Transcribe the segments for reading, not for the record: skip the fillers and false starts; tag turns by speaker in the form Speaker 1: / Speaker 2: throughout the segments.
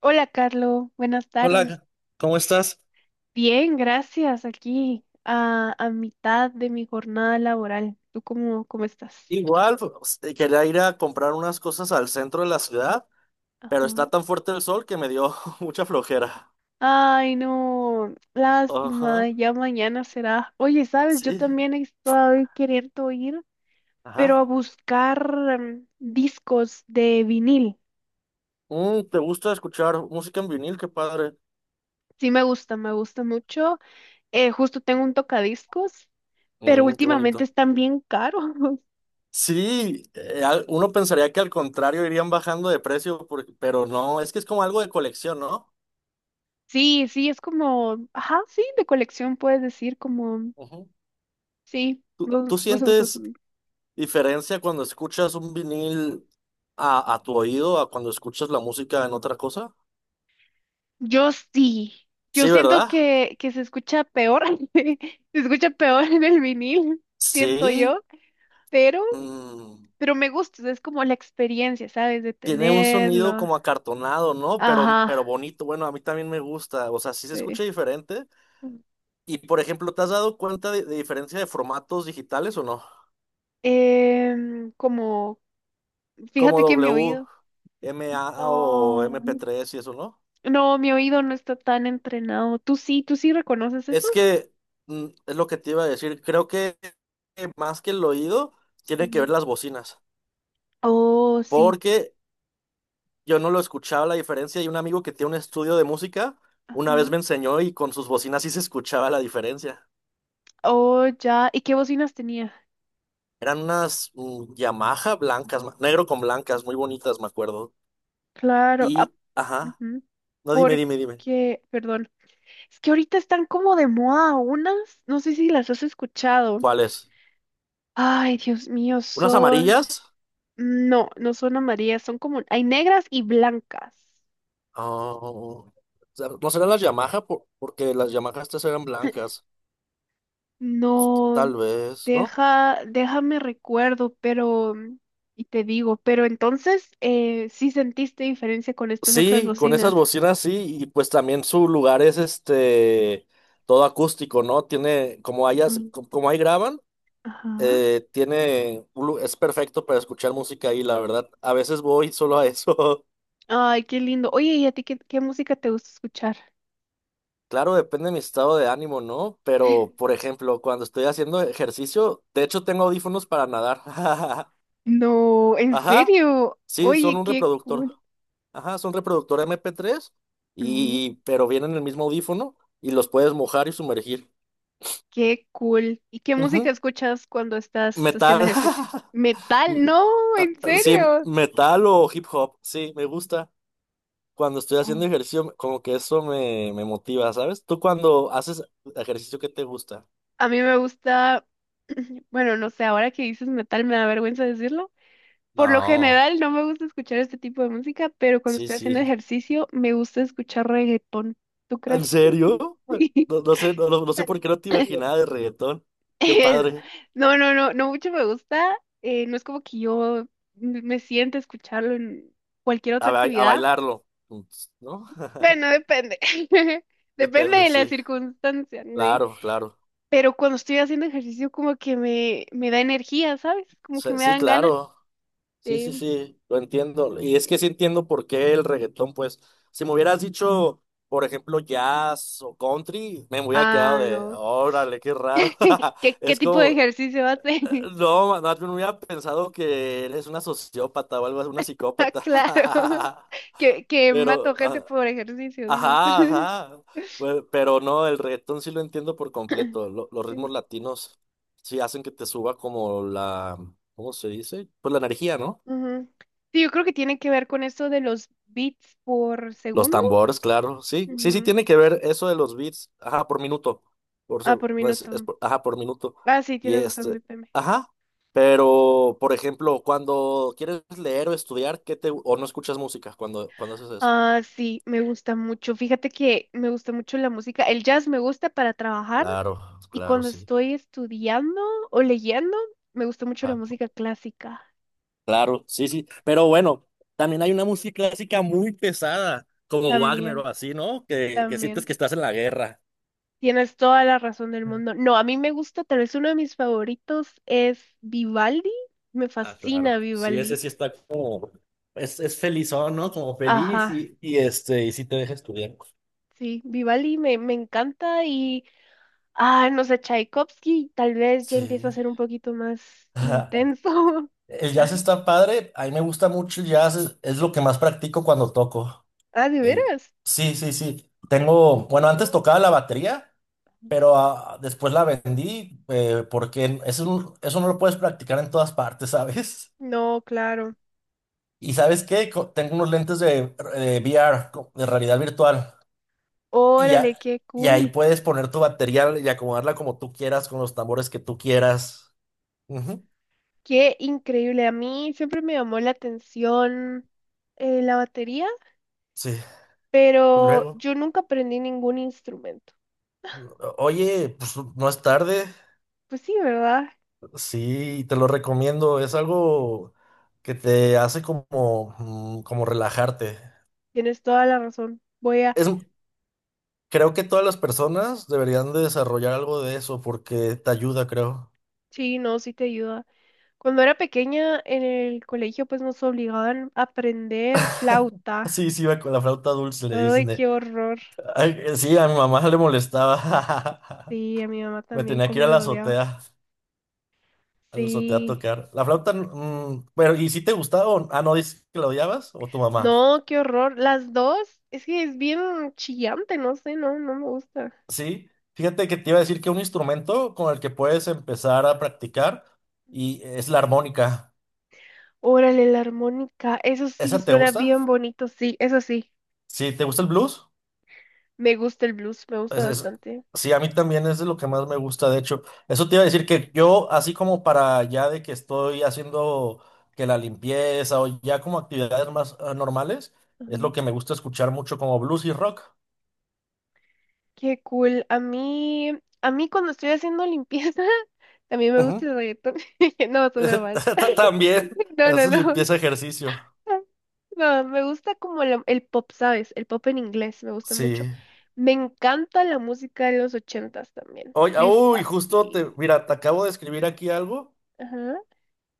Speaker 1: Hola, Carlos. Buenas tardes.
Speaker 2: Hola, ¿cómo estás?
Speaker 1: Bien, gracias. Aquí a mitad de mi jornada laboral. ¿Tú cómo estás?
Speaker 2: Igual, pues, quería ir a comprar unas cosas al centro de la ciudad, pero
Speaker 1: Ajá.
Speaker 2: está tan fuerte el sol que me dio mucha flojera.
Speaker 1: Ay, no. Lástima.
Speaker 2: Ajá,
Speaker 1: Ya mañana será. Oye, ¿sabes? Yo
Speaker 2: sí,
Speaker 1: también he estado queriendo ir, pero a
Speaker 2: ajá.
Speaker 1: buscar discos de vinil.
Speaker 2: Mm, ¿te gusta escuchar música en vinil? Qué padre.
Speaker 1: Sí, me gusta mucho. Justo tengo un tocadiscos, pero
Speaker 2: Mm, qué
Speaker 1: últimamente
Speaker 2: bonito.
Speaker 1: están bien caros.
Speaker 2: Sí, uno pensaría que al contrario irían bajando de precio, pero no, es que es como algo de colección, ¿no?
Speaker 1: Sí, sí, es como, ajá, sí, de colección puedes decir como,
Speaker 2: Ujú.
Speaker 1: sí,
Speaker 2: ¿Tú,
Speaker 1: no,
Speaker 2: tú
Speaker 1: no se me ocurre
Speaker 2: sientes
Speaker 1: también.
Speaker 2: diferencia cuando escuchas un vinil a tu oído a cuando escuchas la música en otra cosa?
Speaker 1: Yo sí, yo
Speaker 2: Sí,
Speaker 1: siento
Speaker 2: ¿verdad?
Speaker 1: que se escucha peor, se escucha peor en el vinil, siento
Speaker 2: Sí.
Speaker 1: yo, pero,
Speaker 2: mm,
Speaker 1: pero me gusta, es como la experiencia, ¿sabes? De
Speaker 2: Tiene un sonido
Speaker 1: tenerlo.
Speaker 2: como acartonado, ¿no? Pero,
Speaker 1: Ajá,
Speaker 2: pero bonito. Bueno, a mí también me gusta. O sea, sí se
Speaker 1: sí.
Speaker 2: escucha diferente. Y, por ejemplo, ¿te has dado cuenta de diferencia de formatos digitales o no?
Speaker 1: Em, como,
Speaker 2: Como
Speaker 1: fíjate que mi oído,
Speaker 2: WMA o
Speaker 1: no,
Speaker 2: MP3 y eso, ¿no?
Speaker 1: no, mi oído no está tan entrenado. Tú sí reconoces eso?
Speaker 2: Es que es lo que te iba a decir. Creo que más que el oído, tiene que ver las bocinas.
Speaker 1: Oh, sí.
Speaker 2: Porque yo no lo escuchaba la diferencia y un amigo que tiene un estudio de música una vez
Speaker 1: Ajá.
Speaker 2: me enseñó y con sus bocinas sí se escuchaba la diferencia.
Speaker 1: Oh, ya. ¿Y qué bocinas tenía?
Speaker 2: Eran unas Yamaha blancas, negro con blancas, muy bonitas, me acuerdo.
Speaker 1: Claro. Ah,
Speaker 2: Y, ajá,
Speaker 1: ujú.
Speaker 2: no, dime, dime, dime.
Speaker 1: Porque, perdón, es que ahorita están como de moda unas, no sé si las has escuchado.
Speaker 2: ¿Cuáles?
Speaker 1: Ay, Dios mío,
Speaker 2: ¿Unas
Speaker 1: son...
Speaker 2: amarillas?
Speaker 1: No, no son amarillas, son como... Hay negras y blancas.
Speaker 2: Oh, o sea, no serán las Yamaha. Porque las Yamaha estas eran blancas. Pues,
Speaker 1: No,
Speaker 2: tal vez, ¿no?
Speaker 1: deja, déjame recuerdo, pero... Y te digo, pero entonces, ¿sí sentiste diferencia con estas otras
Speaker 2: Sí, con esas
Speaker 1: bocinas?
Speaker 2: bocinas sí, y pues también su lugar es este todo acústico, ¿no? Tiene, como hayas,
Speaker 1: Mm,
Speaker 2: como ahí graban,
Speaker 1: Ajá.
Speaker 2: tiene, es perfecto para escuchar música ahí, la verdad. A veces voy solo a eso.
Speaker 1: Ay, qué lindo. Oye, ¿y a ti qué música te gusta escuchar?
Speaker 2: Claro, depende de mi estado de ánimo, ¿no? Pero, por ejemplo, cuando estoy haciendo ejercicio, de hecho tengo audífonos para nadar.
Speaker 1: No, en
Speaker 2: Ajá.
Speaker 1: serio.
Speaker 2: Sí, son
Speaker 1: Oye,
Speaker 2: un
Speaker 1: qué
Speaker 2: reproductor.
Speaker 1: cool.
Speaker 2: Ajá, son reproductor MP3
Speaker 1: Ujú.
Speaker 2: y, pero vienen en el mismo audífono y los puedes mojar y sumergir.
Speaker 1: Qué cool. ¿Y qué música
Speaker 2: Ujú.
Speaker 1: escuchas cuando estás haciendo
Speaker 2: Metal.
Speaker 1: ejercicio? Metal, no,
Speaker 2: Ah,
Speaker 1: en
Speaker 2: ah, sí,
Speaker 1: serio.
Speaker 2: metal o hip hop. Sí, me gusta. Cuando estoy
Speaker 1: Mm.
Speaker 2: haciendo ejercicio, como que eso me motiva, ¿sabes? Tú cuando haces ejercicio, ¿qué te gusta?
Speaker 1: A mí me gusta, bueno, no sé, ahora que dices metal me da vergüenza decirlo. Por lo
Speaker 2: No.
Speaker 1: general no me gusta escuchar este tipo de música, pero cuando
Speaker 2: Sí,
Speaker 1: estoy haciendo
Speaker 2: sí.
Speaker 1: ejercicio me gusta escuchar reggaetón. ¿Tú
Speaker 2: ¿En
Speaker 1: crees?
Speaker 2: serio? No, no sé, no, no sé por qué no te
Speaker 1: Sí.
Speaker 2: imaginaba de reggaetón. Qué padre.
Speaker 1: No, no, no, no mucho me gusta. No es como que yo me siente escucharlo en cualquier otra
Speaker 2: A
Speaker 1: actividad.
Speaker 2: bailarlo, ¿no?
Speaker 1: Bueno, depende. Depende
Speaker 2: Depende,
Speaker 1: de la
Speaker 2: sí.
Speaker 1: circunstancia, ¿no?
Speaker 2: Claro, claro.
Speaker 1: Pero cuando estoy haciendo ejercicio, como que me da energía, ¿sabes? Como que
Speaker 2: Sí,
Speaker 1: me
Speaker 2: sí,
Speaker 1: dan ganas
Speaker 2: claro. Sí,
Speaker 1: de.
Speaker 2: sí, sí, lo entiendo. Y es que sí entiendo por qué el reggaetón, pues, si me hubieras dicho, por ejemplo, jazz o country, me hubiera quedado
Speaker 1: Ah,
Speaker 2: de,
Speaker 1: no.
Speaker 2: órale, qué raro.
Speaker 1: Qué
Speaker 2: Es
Speaker 1: tipo de
Speaker 2: como,
Speaker 1: ejercicio hace?
Speaker 2: no, más bien hubiera pensado que eres una sociópata o algo así, una
Speaker 1: Ah,
Speaker 2: psicópata.
Speaker 1: claro. Que
Speaker 2: Pero,
Speaker 1: mato gente por ejercicio, dices.
Speaker 2: ajá, ajá. Bueno, pero no, el reggaetón sí lo entiendo por completo. Los ritmos
Speaker 1: Sí.
Speaker 2: latinos sí hacen que te suba como la, ¿cómo se dice? Pues la energía, ¿no?
Speaker 1: Ujú. Sí, yo creo que tiene que ver con eso de los bits por
Speaker 2: Los
Speaker 1: segundo.
Speaker 2: tambores, claro. Sí, sí, sí,
Speaker 1: Ujú.
Speaker 2: tiene que ver eso de los beats. Ajá, por minuto.
Speaker 1: Ah, por
Speaker 2: Pues,
Speaker 1: minuto.
Speaker 2: ajá, por minuto.
Speaker 1: Ah, sí,
Speaker 2: Y
Speaker 1: tienes razón,
Speaker 2: este,
Speaker 1: BPM.
Speaker 2: ajá. Pero, por ejemplo, cuando quieres leer o estudiar, ¿qué te, o no escuchas música cuando haces eso?
Speaker 1: Ah, sí, me gusta mucho. Fíjate que me gusta mucho la música. El jazz me gusta para trabajar
Speaker 2: Claro,
Speaker 1: y
Speaker 2: claro,
Speaker 1: cuando
Speaker 2: sí.
Speaker 1: estoy estudiando o leyendo, me gusta mucho la
Speaker 2: Ajá.
Speaker 1: música clásica.
Speaker 2: Claro, sí, sí. Pero bueno, también hay una música clásica muy pesada, como Wagner
Speaker 1: También,
Speaker 2: o así, ¿no? Que sientes
Speaker 1: también.
Speaker 2: que estás en la guerra.
Speaker 1: Tienes toda la razón del mundo. No, a mí me gusta, tal vez uno de mis favoritos es Vivaldi. Me
Speaker 2: Ah,
Speaker 1: fascina
Speaker 2: claro. Sí, ese
Speaker 1: Vivaldi.
Speaker 2: sí está como, es felizón, ¿no? Como feliz
Speaker 1: Ajá,
Speaker 2: y y sí te deja estudiar.
Speaker 1: sí, Vivaldi me encanta y, ah, no sé, Tchaikovsky tal vez ya empieza
Speaker 2: Sí.
Speaker 1: a ser un poquito más
Speaker 2: Ajá.
Speaker 1: intenso.
Speaker 2: El jazz está padre. A mí me gusta mucho el jazz. Es lo que más practico cuando toco.
Speaker 1: Ah, ¿de
Speaker 2: El...
Speaker 1: veras?
Speaker 2: Sí, sí, sí. Tengo, bueno, antes tocaba la batería, pero después la vendí porque eso, eso no lo puedes practicar en todas partes, ¿sabes?
Speaker 1: No, claro.
Speaker 2: Y ¿sabes qué? Tengo unos lentes de VR, de realidad virtual. Y,
Speaker 1: Órale,
Speaker 2: ya-
Speaker 1: qué
Speaker 2: y ahí
Speaker 1: cool.
Speaker 2: puedes poner tu batería y acomodarla como tú quieras, con los tambores que tú quieras. Ujú,
Speaker 1: Qué increíble. A mí siempre me llamó la atención la batería,
Speaker 2: sí. Y
Speaker 1: pero
Speaker 2: luego,
Speaker 1: yo nunca aprendí ningún instrumento.
Speaker 2: oye, pues no es tarde.
Speaker 1: Pues sí, ¿verdad?
Speaker 2: Sí, te lo recomiendo. Es algo que te hace como, como relajarte.
Speaker 1: Tienes toda la razón. Voy a...
Speaker 2: Es, Creo que todas las personas deberían de desarrollar algo de eso porque te ayuda, creo.
Speaker 1: Sí, no, sí te ayuda. Cuando era pequeña en el colegio, pues nos obligaban a aprender flauta.
Speaker 2: Sí, sí, va con la flauta dulce, le
Speaker 1: Ay,
Speaker 2: dicen.
Speaker 1: qué horror.
Speaker 2: Ay, sí, a mi mamá le molestaba.
Speaker 1: Sí, a mi mamá
Speaker 2: Me
Speaker 1: también
Speaker 2: tenía que ir a
Speaker 1: como
Speaker 2: la
Speaker 1: lo odiaba.
Speaker 2: azotea. Eso te va a
Speaker 1: Sí.
Speaker 2: tocar. La flauta, pero ¿y si te gustaba? Ah, no, dices que la odiabas o tu mamá.
Speaker 1: No, qué horror. Las dos, es que es bien chillante, no sé, no, no me gusta.
Speaker 2: Sí, fíjate que te iba a decir que un instrumento con el que puedes empezar a practicar y es la armónica.
Speaker 1: Órale, la armónica, eso sí,
Speaker 2: ¿Esa te
Speaker 1: suena
Speaker 2: gusta?
Speaker 1: bien bonito, sí, eso sí.
Speaker 2: Sí, ¿te gusta el blues?
Speaker 1: Me gusta el blues, me gusta
Speaker 2: Es, es-
Speaker 1: bastante.
Speaker 2: sí, a mí también es de lo que más me gusta, de hecho. Eso te iba a decir que yo, así como para ya de que estoy haciendo que la limpieza o ya como actividades más normales,
Speaker 1: Ajá.
Speaker 2: es lo que me gusta escuchar mucho como blues y rock.
Speaker 1: Qué cool. A mí cuando estoy haciendo limpieza, también me gusta el reggaetón. No, son bromas.
Speaker 2: También
Speaker 1: No, no,
Speaker 2: haces
Speaker 1: no.
Speaker 2: limpieza ejercicio.
Speaker 1: No, me gusta como el pop, ¿sabes? El pop en inglés, me gusta mucho.
Speaker 2: Sí.
Speaker 1: Me encanta la música de los ochentas también.
Speaker 2: Oye,
Speaker 1: Me
Speaker 2: uy, justo te,
Speaker 1: fascina.
Speaker 2: mira, te acabo de escribir aquí algo.
Speaker 1: Ajá.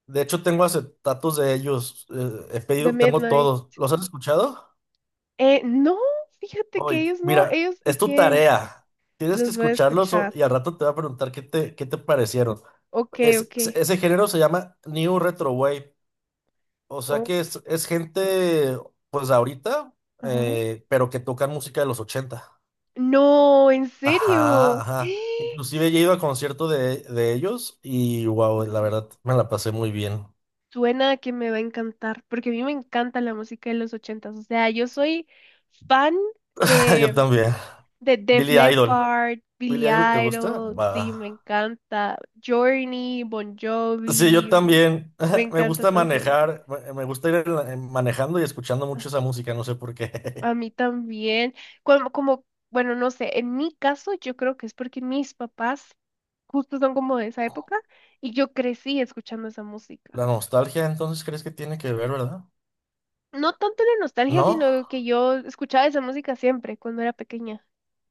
Speaker 2: De hecho, tengo acetatos de ellos. He
Speaker 1: The
Speaker 2: pedido, tengo
Speaker 1: Midnight.
Speaker 2: todos. ¿Los has escuchado?
Speaker 1: No, fíjate que
Speaker 2: Oye,
Speaker 1: ellos no,
Speaker 2: mira,
Speaker 1: ellos de
Speaker 2: es tu
Speaker 1: qué
Speaker 2: tarea. Tienes que
Speaker 1: los voy a
Speaker 2: escucharlos
Speaker 1: escuchar.
Speaker 2: y al rato te voy a preguntar qué te parecieron.
Speaker 1: Ok, ok.
Speaker 2: Ese género se llama New Retro Wave. O sea
Speaker 1: Oh,
Speaker 2: que es gente, pues ahorita,
Speaker 1: ajá.
Speaker 2: pero que tocan música de los ochenta.
Speaker 1: No, en
Speaker 2: Ajá,
Speaker 1: serio.
Speaker 2: ajá. Inclusive ya he ido a concierto de ellos y wow, la
Speaker 1: Ujú.
Speaker 2: verdad me la pasé muy bien.
Speaker 1: Suena que me va a encantar, porque a mí me encanta la música de los ochentas. O sea, yo soy fan
Speaker 2: Yo
Speaker 1: de
Speaker 2: también.
Speaker 1: Def
Speaker 2: Billy Idol.
Speaker 1: Leppard,
Speaker 2: ¿Billy
Speaker 1: Billy
Speaker 2: Idol te gusta?
Speaker 1: Idol, sí,
Speaker 2: Va.
Speaker 1: me encanta. Journey, Bon
Speaker 2: Sí, yo
Speaker 1: Jovi,
Speaker 2: también.
Speaker 1: me
Speaker 2: Me
Speaker 1: encanta
Speaker 2: gusta
Speaker 1: estas.
Speaker 2: manejar, me gusta ir manejando y escuchando mucho esa música, no sé por qué.
Speaker 1: A mí también. Como, como, bueno, no sé, en mi caso yo creo que es porque mis papás justo son como de esa época y yo crecí escuchando esa música.
Speaker 2: La nostalgia, entonces, ¿crees que tiene que ver, verdad?
Speaker 1: No tanto la nostalgia,
Speaker 2: ¿No?
Speaker 1: sino que yo escuchaba esa música siempre cuando era pequeña.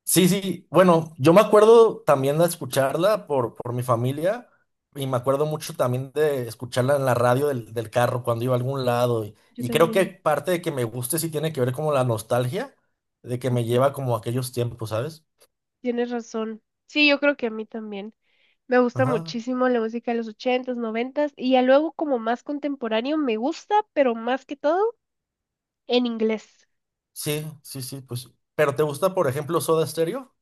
Speaker 2: Sí, sí, bueno, yo me acuerdo también de escucharla por mi familia y me acuerdo mucho también de escucharla en la radio del carro cuando iba a algún lado y,
Speaker 1: Yo
Speaker 2: y creo que
Speaker 1: también.
Speaker 2: parte de que me guste sí tiene que ver como la nostalgia de que
Speaker 1: Sí,
Speaker 2: me
Speaker 1: pues.
Speaker 2: lleva como a aquellos tiempos, ¿sabes?
Speaker 1: Tienes razón. Sí, yo creo que a mí también. Me gusta
Speaker 2: Ajá,
Speaker 1: muchísimo la música de los ochentas, noventas y ya luego como más contemporáneo me gusta, pero más que todo en inglés.
Speaker 2: sí, sí, sí, pues, pero ¿te gusta, por ejemplo, Soda Stereo?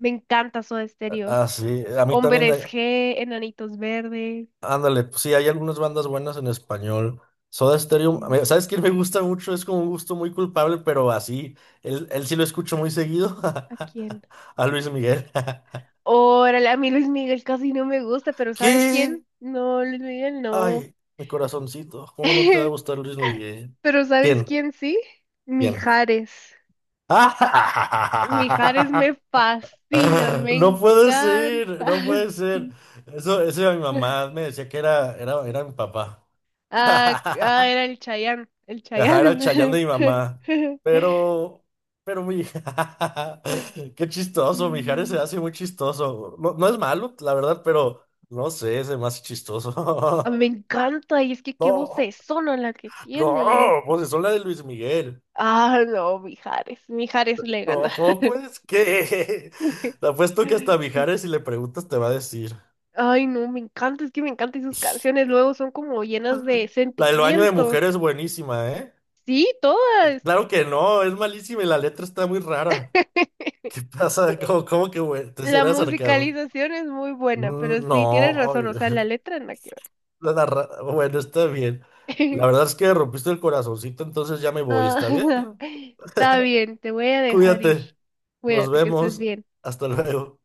Speaker 1: Me encanta Soda Stereo.
Speaker 2: Ah, sí, a mí también,
Speaker 1: Hombres G, Enanitos Verdes.
Speaker 2: ándale, pues sí, hay algunas bandas buenas en español. Soda Stereo,
Speaker 1: em,
Speaker 2: ¿sabes quién me gusta mucho? Es como un gusto muy culpable, pero así, él sí lo escucho muy seguido.
Speaker 1: ¿A quién?
Speaker 2: A Luis Miguel.
Speaker 1: Órale, a mí Luis Miguel casi no me gusta, pero ¿sabes
Speaker 2: ¿Qué?
Speaker 1: quién? No, Luis Miguel no.
Speaker 2: Ay, mi corazoncito, ¿cómo no te va a gustar Luis Miguel?
Speaker 1: Pero ¿sabes
Speaker 2: ¿Quién?
Speaker 1: quién sí?
Speaker 2: ¿Quién?
Speaker 1: Mijares. Mijares
Speaker 2: ¡Ah!
Speaker 1: me fascina, me
Speaker 2: No puede ser,
Speaker 1: encanta.
Speaker 2: no puede ser.
Speaker 1: Sí.
Speaker 2: Eso era mi mamá, me decía que era mi papá.
Speaker 1: Ah, ah, era el Chayanne, el
Speaker 2: Ajá, era el Chayán de
Speaker 1: Chayanne.
Speaker 2: mi mamá. Pero, pero mi... Qué chistoso, Mijares se
Speaker 1: Mm,
Speaker 2: hace muy chistoso. No, no es malo, la verdad, pero no sé, se me hace
Speaker 1: a mí
Speaker 2: chistoso.
Speaker 1: me encanta, y es que qué
Speaker 2: No,
Speaker 1: vocesona la que tiene.
Speaker 2: no, pues son la de Luis Miguel.
Speaker 1: Ah, no, Mijares, Mijares le
Speaker 2: No,
Speaker 1: gana.
Speaker 2: ¿cómo puedes? ¿Qué? Te apuesto que hasta Mijares, si le preguntas, te va a decir.
Speaker 1: Ay, no, me encanta, es que me encantan sus canciones, luego son como llenas de
Speaker 2: La del baño de
Speaker 1: sentimiento.
Speaker 2: mujeres es buenísima, ¿eh?
Speaker 1: Sí, todas.
Speaker 2: Claro que no, es malísima y la letra está muy rara. ¿Qué pasa? ¿Cómo, cómo que, güey? ¿Te
Speaker 1: La
Speaker 2: será sarcasmo?
Speaker 1: musicalización es muy buena, pero
Speaker 2: Mm, no,
Speaker 1: sí, tienes razón,
Speaker 2: ay,
Speaker 1: o sea, la letra en la que ver.
Speaker 2: la bueno, está bien. La verdad es que rompiste el corazoncito, entonces ya me voy,
Speaker 1: Ah,
Speaker 2: ¿está bien?
Speaker 1: está bien, te voy a dejar ir.
Speaker 2: Cuídate. Nos
Speaker 1: Cuídate, que estés
Speaker 2: vemos.
Speaker 1: bien.
Speaker 2: Hasta luego.